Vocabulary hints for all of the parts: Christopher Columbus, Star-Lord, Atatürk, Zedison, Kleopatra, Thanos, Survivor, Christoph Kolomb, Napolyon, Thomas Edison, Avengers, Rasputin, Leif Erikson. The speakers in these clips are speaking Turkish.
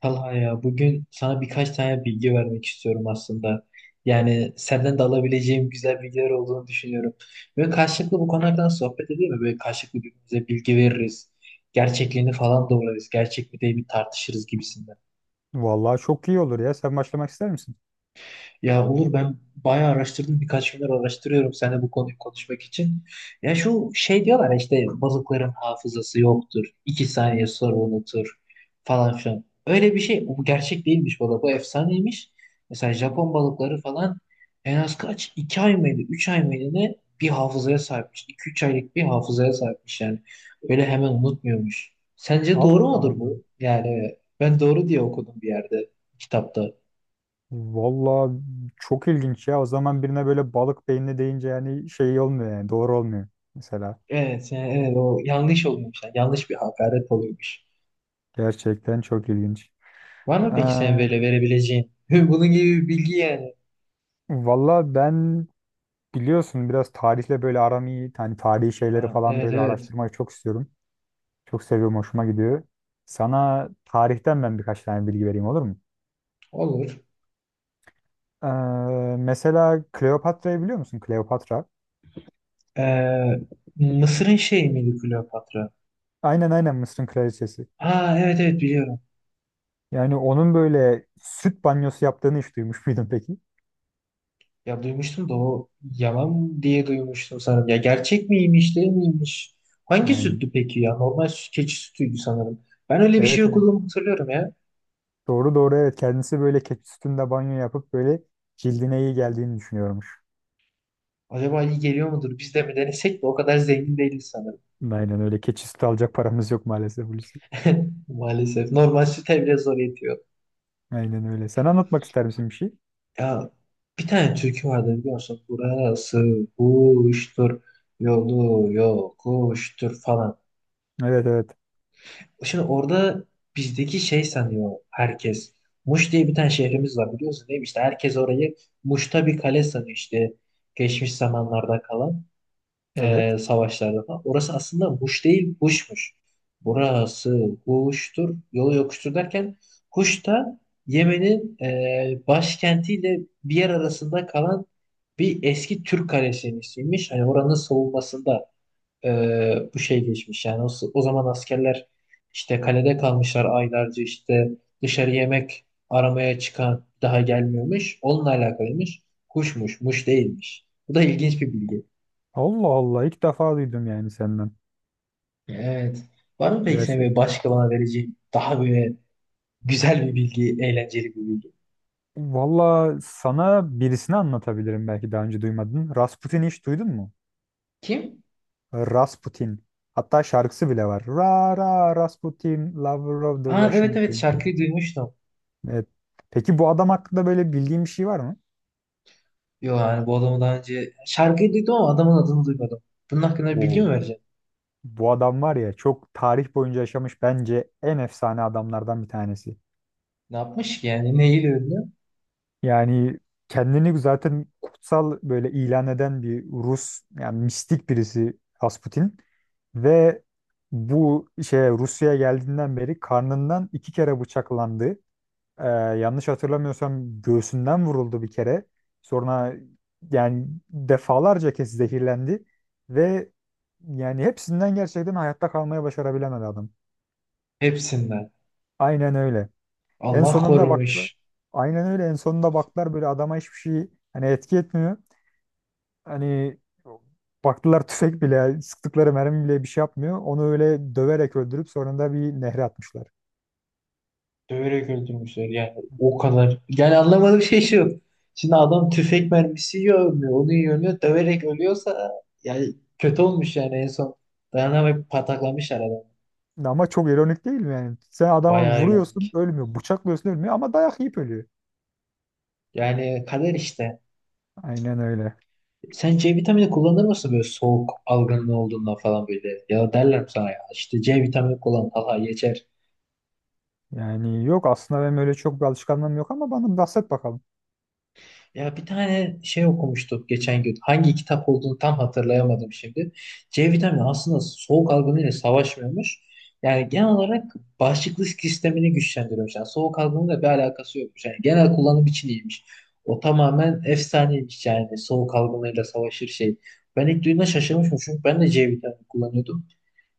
Talha ya bugün sana birkaç tane bilgi vermek istiyorum aslında. Yani senden de alabileceğim güzel bilgiler olduğunu düşünüyorum. Böyle karşılıklı bu konulardan sohbet edelim mi? Böyle karşılıklı birbirimize bilgi veririz. Gerçekliğini falan doğrularız. Gerçek mi değil mi tartışırız gibisinden. Vallahi çok iyi olur ya. Sen başlamak ister misin? Ya Uğur ben bayağı araştırdım. Birkaç gündür araştırıyorum seninle bu konuyu konuşmak için. Ya şu şey diyorlar ya, işte balıkların hafızası yoktur. 2 saniye sonra unutur falan filan. Öyle bir şey. Bu gerçek değilmiş bu arada. Bu efsaneymiş. Mesela Japon balıkları falan en az kaç? 2 ay mıydı? 3 ay mıydı ne? Bir hafızaya sahipmiş. İki üç aylık bir hafızaya sahipmiş yani. Öyle hemen unutmuyormuş. Sence Allah doğru mudur Allah. bu? Yani ben doğru diye okudum bir yerde kitapta. Vallahi çok ilginç ya. O zaman birine böyle balık beyinli deyince yani şey olmuyor, yani doğru olmuyor mesela. Evet, yani evet o yanlış oluyormuş. Yani yanlış bir hakaret oluyormuş. Gerçekten çok ilginç. Var mı Ee, peki sen böyle verebileceğin? Bunun gibi bir bilgi yani. Vallahi ben biliyorsun biraz tarihle böyle aram iyi. Hani tarihi şeyleri Aa, falan evet böyle evet araştırmayı çok istiyorum. Çok seviyorum, hoşuma gidiyor. Sana tarihten ben birkaç tane bilgi vereyim, olur mu? olur. Ee, Mesela Kleopatra'yı biliyor musun? Kleopatra. Ee, Mısır'ın şeyi miydi Kleopatra? Aynen aynen, Mısır'ın kraliçesi. Ha, evet evet biliyorum. Yani onun böyle süt banyosu yaptığını hiç duymuş muydun peki? Ya duymuştum da o yalan diye duymuştum sanırım. Ya gerçek miymiş değil miymiş? Hangi Yani süttü peki ya? Normal süt, keçi sütüydü sanırım. Ben öyle bir şey evet evet. okuduğumu hatırlıyorum ya. Doğru doğru evet. Kendisi böyle keçi sütünde banyo yapıp böyle cildine iyi geldiğini düşünüyormuş. Acaba iyi geliyor mudur? Biz de mi denesek de o kadar zengin değiliz sanırım. Aynen öyle. Keçi sütü alacak paramız yok maalesef Hulusi. Maalesef. Normal süte bile zor yetiyor. Aynen öyle. Sen anlatmak ister misin bir şey? Ya bir tane türkü vardı biliyorsun. Burası kuştur, yolu yokuştur falan. Evet evet. Şimdi orada bizdeki şey sanıyor herkes. Muş diye bir tane şehrimiz var biliyorsun değil mi? İşte herkes orayı Muş'ta bir kale sanıyor işte. Geçmiş zamanlarda kalan. Evet. Savaşlarda falan. Orası aslında Huş değil, Huş'muş. Burası Huş'tur, yolu yokuştur derken Huş da Yemen'in başkentiyle bir yer arasında kalan bir eski Türk kalesinin ismiymiş. Hani oranın savunmasında bu şey geçmiş. Yani o zaman askerler işte kalede kalmışlar aylarca işte dışarı yemek aramaya çıkan daha gelmiyormuş. Onunla alakalıymış. Huşmuş, muş değilmiş. Bu da ilginç bir bilgi. Allah Allah, ilk defa duydum yani senden. Evet. Var mı peki senin Gerçek. böyle başka bana vereceğin daha böyle güzel bir bilgi, eğlenceli bir bilgi? Valla sana birisini anlatabilirim, belki daha önce duymadın. Rasputin'i hiç duydun mu? Kim? Rasputin. Hatta şarkısı bile var. Ra ra Rasputin, lover of the Aa, evet Russian evet Queen. şarkıyı duymuştum. Evet. Peki bu adam hakkında böyle bildiğin bir şey var mı? Yo yani bu adamı daha önce şarkıyı duydum ama adamın adını duymadım. Bunun hakkında bir bilgi Oo. mi vereceksin? Bu adam var ya, çok tarih boyunca yaşamış bence en efsane adamlardan bir tanesi. Ne yapmış ki yani? Neyle ünlü? Yani kendini zaten kutsal böyle ilan eden bir Rus, yani mistik birisi Rasputin ve bu şeye Rusya'ya geldiğinden beri karnından iki kere bıçaklandı. Ee, yanlış hatırlamıyorsam göğsünden vuruldu bir kere. Sonra yani defalarca kez zehirlendi ve yani hepsinden gerçekten hayatta kalmaya başarabilemedi adam. Hepsinden. Aynen öyle. En Allah sonunda baktılar. korumuş. Aynen öyle. En sonunda baktılar, böyle adama hiçbir şey hani etki etmiyor. Hani baktılar, tüfek bile sıktıkları mermi bile bir şey yapmıyor. Onu öyle döverek öldürüp sonunda bir nehre atmışlar. Döverek öldürmüşler yani o kadar. Yani anlamadığım şey şu. Şimdi adam tüfek mermisi yiyor ölmüyor. Onu yiyor ölmüyor. Döverek ölüyorsa yani kötü olmuş yani en son. Dayanamayıp pataklamışlar adamı. Ama çok ironik değil mi yani? Sen adamı Bayağı vuruyorsun, ironik. ölmüyor. Bıçaklıyorsun, ölmüyor ama dayak yiyip ölüyor. Yani kader işte. Aynen öyle. Sen C vitamini kullanır mısın böyle soğuk algınlığı olduğunda falan böyle? Ya derler mi sana ya işte C vitamini kullan Allah geçer. Yani yok, aslında benim öyle çok bir alışkanlığım yok ama bana bahset bakalım. Ya bir tane şey okumuştuk geçen gün. Hangi kitap olduğunu tam hatırlayamadım şimdi. C vitamini aslında soğuk algınlığıyla savaşmıyormuş. Yani genel olarak bağışıklık sistemini güçlendiriyormuş. Yani soğuk algınlığıyla bir alakası yokmuş. Yani genel kullanım için iyiymiş. O tamamen efsaneymiş yani soğuk algınlığıyla savaşır şey. Ben ilk duyduğumda şaşırmışım çünkü ben de C vitamini kullanıyordum.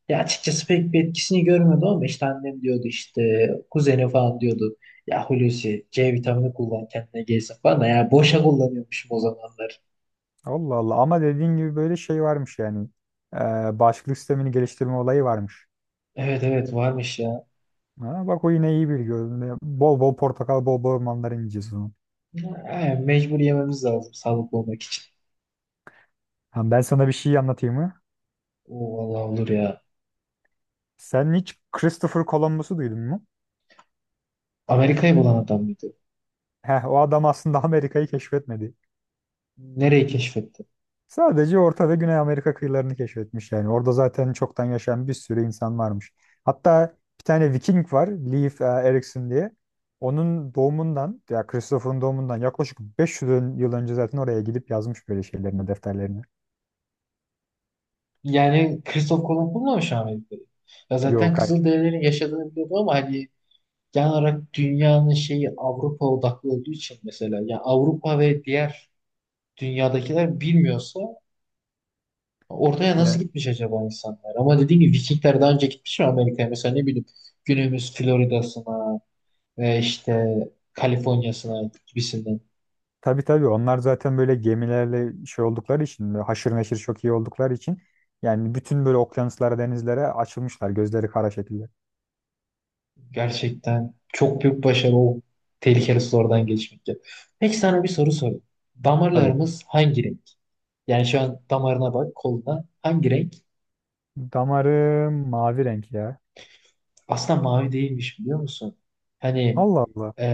Ya açıkçası pek bir etkisini görmedim ama işte annem diyordu işte kuzeni falan diyordu. Ya Hulusi C vitamini kullan kendine gelsin falan da ya boşa kullanıyormuşum o zamanlar. Allah Allah, ama dediğin gibi böyle şey varmış yani. Ee, bağışıklık sistemini geliştirme olayı varmış. Evet evet varmış ya. Ha, bak o yine iyi bir görüntü. Bol bol portakal, bol bol mandalina yiyeceğiz o zaman. Ya, mecbur yememiz lazım sağlıklı olmak için. Ha, ben sana bir şey anlatayım mı? O vallahi olur ya. Sen hiç Christopher Columbus'u duydun mu? Amerika'yı bulan adam mıydı? Heh, o adam aslında Amerika'yı keşfetmedi. Nereyi keşfetti? Sadece Orta ve Güney Amerika kıyılarını keşfetmiş yani. Orada zaten çoktan yaşayan bir sürü insan varmış. Hatta bir tane Viking var, Leif Erikson diye. Onun doğumundan, ya Christopher'ın doğumundan yaklaşık 500 yıl önce zaten oraya gidip yazmış böyle şeylerini, defterlerini. Yani Christoph Kolomb bulmamış Amerika'yı. Ya zaten Yok, hayır. Kızılderililerin yaşadığını biliyordu ama hani genel olarak dünyanın şeyi Avrupa odaklı olduğu için mesela yani Avrupa ve diğer dünyadakiler bilmiyorsa oraya nasıl Yani, gitmiş acaba insanlar? Ama dediğim gibi Vikingler daha önce gitmiş mi Amerika'ya? Mesela ne bileyim günümüz Florida'sına ve işte Kaliforniya'sına gibisinden. tabii tabii, onlar zaten böyle gemilerle şey oldukları için, böyle haşır neşir çok iyi oldukları için yani bütün böyle okyanuslara, denizlere açılmışlar gözleri kara şekilde. Gerçekten çok büyük başarı o tehlikeli sulardan geçmek ya. Peki sana bir soru sorayım. Tabii. Damarlarımız hangi renk? Yani şu an damarına bak koluna hangi renk? Damarı mavi renk ya. Aslında mavi değilmiş biliyor musun? Hani, Allah Allah. e,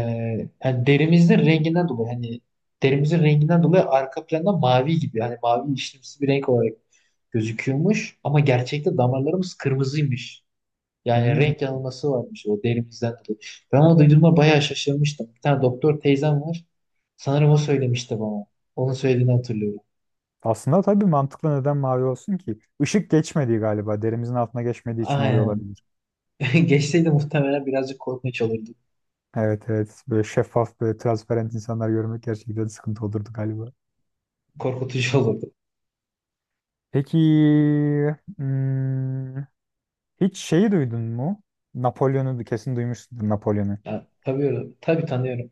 hani derimizin renginden dolayı arka planda mavi gibi hani mavi işlemsi bir renk olarak gözüküyormuş ama gerçekte damarlarımız kırmızıymış. Yani Hmm. renk yanılması varmış o derimizden dolayı. Ben onu duyduğumda bayağı şaşırmıştım. Bir tane doktor teyzem var. Sanırım o söylemişti bana. Onun söylediğini hatırlıyorum. Aslında tabii mantıklı, neden mavi olsun ki? Işık geçmediği galiba. Derimizin altına geçmediği için oluyor Aynen. olabilir. Geçseydi muhtemelen birazcık korkunç olurdu. Evet evet. Böyle şeffaf, böyle transparent insanlar görmek gerçekten sıkıntı olurdu galiba. Korkutucu olurdu. Peki hmm, hiç şeyi duydun mu? Napolyon'u kesin duymuşsundur, Napolyon'u. Ya, tabii, tabii tanıyorum.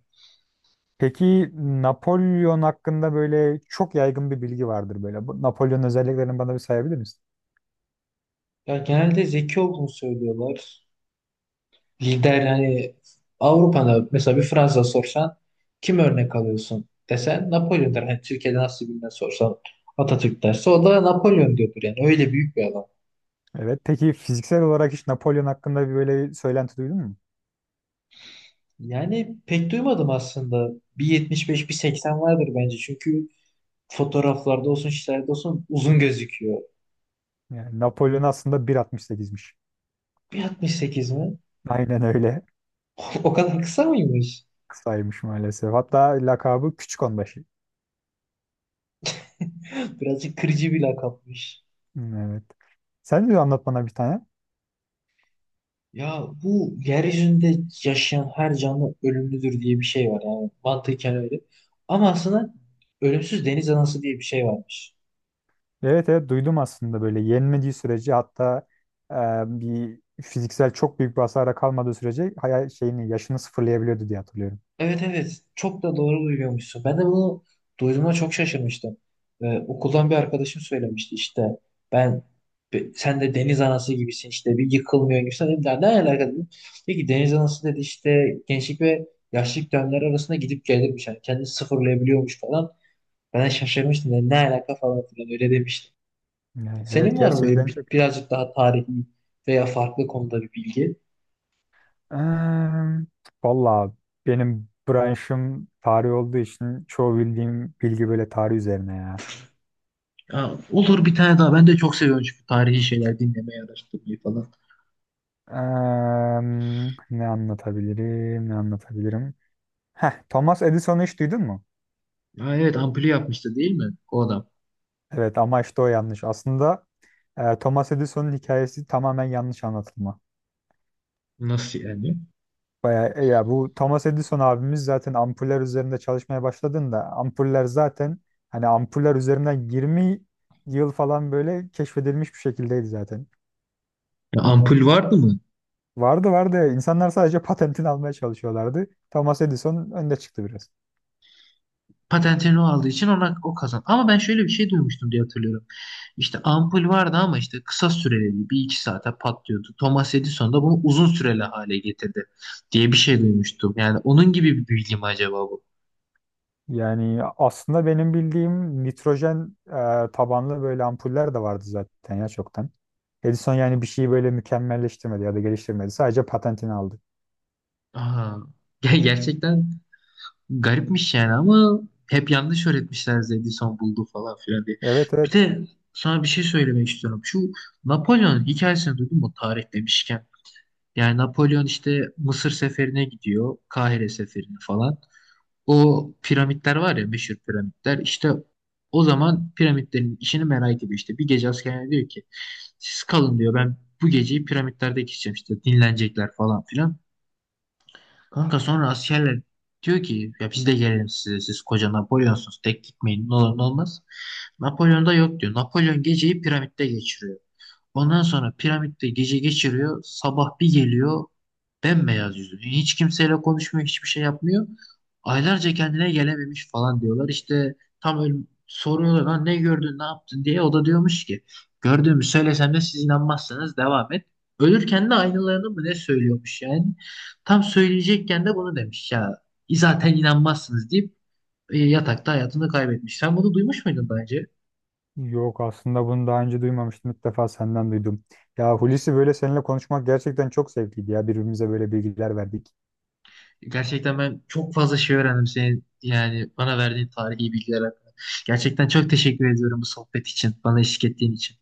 Peki Napolyon hakkında böyle çok yaygın bir bilgi vardır böyle. Bu Napolyon özelliklerini bana bir sayabilir misin? Ya, genelde zeki olduğunu söylüyorlar. Lider yani Avrupa'da mesela bir Fransa sorsan kim örnek alıyorsun desen Napolyon der. Hani Türkiye'de nasıl bilinen sorsan Atatürk derse o da Napolyon diyordur yani öyle büyük bir adam. Evet. Peki fiziksel olarak hiç Napolyon hakkında bir böyle söylenti duydun mu? Yani pek duymadım aslında. Bir 75, bir 80 vardır bence. Çünkü fotoğraflarda olsun şeylerde olsun uzun gözüküyor. Yani Napolyon aslında 1.68'miş. Bir 68 mi? Aynen öyle. O kadar kısa mıymış? Kısaymış maalesef. Hatta lakabı Küçük Onbaşı. Birazcık kırıcı bir lakapmış. Evet. Sen de anlat bana bir tane. Ya bu yeryüzünde yaşayan her canlı ölümlüdür diye bir şey var yani mantıken öyle. Ama aslında ölümsüz deniz anası diye bir şey varmış. Evet evet, duydum aslında. Böyle yenmediği sürece, hatta e, bir fiziksel çok büyük bir hasara kalmadığı sürece hayal şeyini yaşını sıfırlayabiliyordu diye hatırlıyorum. Evet evet çok da doğru duyuyormuşsun. Ben de bunu duyduğuma çok şaşırmıştım. Okuldan bir arkadaşım söylemişti işte ben sen de deniz anası gibisin işte bir yıkılmıyor gibisin. Dedim, ne alaka dedim. Peki deniz anası dedi işte gençlik ve yaşlılık dönemleri arasında gidip gelirmiş. Yani kendini sıfırlayabiliyormuş falan. Ben de şaşırmıştım dedim, ne alaka falan filan öyle demiştim. Yani evet, Senin var mı böyle gerçekten çok iyi. birazcık daha tarihi veya farklı konuda bir bilgi? Eee, valla benim branşım tarih olduğu için çoğu bildiğim bilgi böyle tarih üzerine ya. Ya, olur bir tane daha. Ben de çok seviyorum çünkü tarihi şeyler dinlemeyi, araştırmayı falan. Em, ne anlatabilirim ne anlatabilirim. Heh, Thomas Edison'u hiç duydun mu? Ha, evet ampulü yapmıştı değil mi o adam? Evet, ama işte o yanlış. Aslında Thomas Edison'un hikayesi tamamen yanlış anlatılma. Nasıl yani? Bayağı, ya bu Thomas Edison abimiz zaten ampuller üzerinde çalışmaya başladığında ampuller zaten hani ampuller üzerinden 20 yıl falan böyle keşfedilmiş bir şekildeydi zaten. Ya, ampul vardı mı? Vardı vardı. İnsanlar sadece patentini almaya çalışıyorlardı. Thomas Edison önde çıktı biraz. Patentini o aldığı için ona o kazan. Ama ben şöyle bir şey duymuştum diye hatırlıyorum. İşte ampul vardı ama işte kısa süreli bir iki saate patlıyordu. Thomas Edison da bunu uzun süreli hale getirdi diye bir şey duymuştum. Yani onun gibi bir bilgi mi acaba bu? Yani aslında benim bildiğim nitrojen tabanlı böyle ampuller de vardı zaten ya çoktan. Edison yani bir şeyi böyle mükemmelleştirmedi ya da geliştirmedi. Sadece patentini aldı. Aha. Gerçekten garipmiş yani ama hep yanlış öğretmişler Zedison buldu falan filan diye. Evet Bir evet. de sana bir şey söylemek istiyorum. Şu Napolyon hikayesini duydun mu tarih demişken? Yani Napolyon işte Mısır seferine gidiyor. Kahire seferine falan. O piramitler var ya meşhur piramitler. İşte o zaman piramitlerin işini merak ediyor işte. Bir gece askerine diyor ki siz kalın diyor ben bu geceyi piramitlerde geçeceğim işte dinlenecekler falan filan. Kanka sonra askerler diyor ki ya biz de gelelim size siz koca Napolyonsunuz tek gitmeyin ne olur ne olmaz. Napolyon da yok diyor. Napolyon geceyi piramitte geçiriyor. Ondan sonra piramitte gece geçiriyor. Sabah bir geliyor bembeyaz yüzü. Hiç kimseyle konuşmuyor hiçbir şey yapmıyor. Aylarca kendine gelememiş falan diyorlar. İşte tam öyle soruyorlar lan ne gördün ne yaptın diye. O da diyormuş ki gördüğümü söylesem de siz inanmazsınız devam et. Ölürken de aynılarını mı ne söylüyormuş yani. Tam söyleyecekken de bunu demiş ya. Zaten inanmazsınız deyip yatakta hayatını kaybetmiş. Sen bunu duymuş muydun daha önce? Yok, aslında bunu daha önce duymamıştım. İlk defa senden duydum. Ya Hulusi, böyle seninle konuşmak gerçekten çok zevkliydi ya. Birbirimize böyle bilgiler verdik. Gerçekten ben çok fazla şey öğrendim senin yani bana verdiğin tarihi bilgiler hakkında. Gerçekten çok teşekkür ediyorum bu sohbet için, bana eşlik ettiğin için.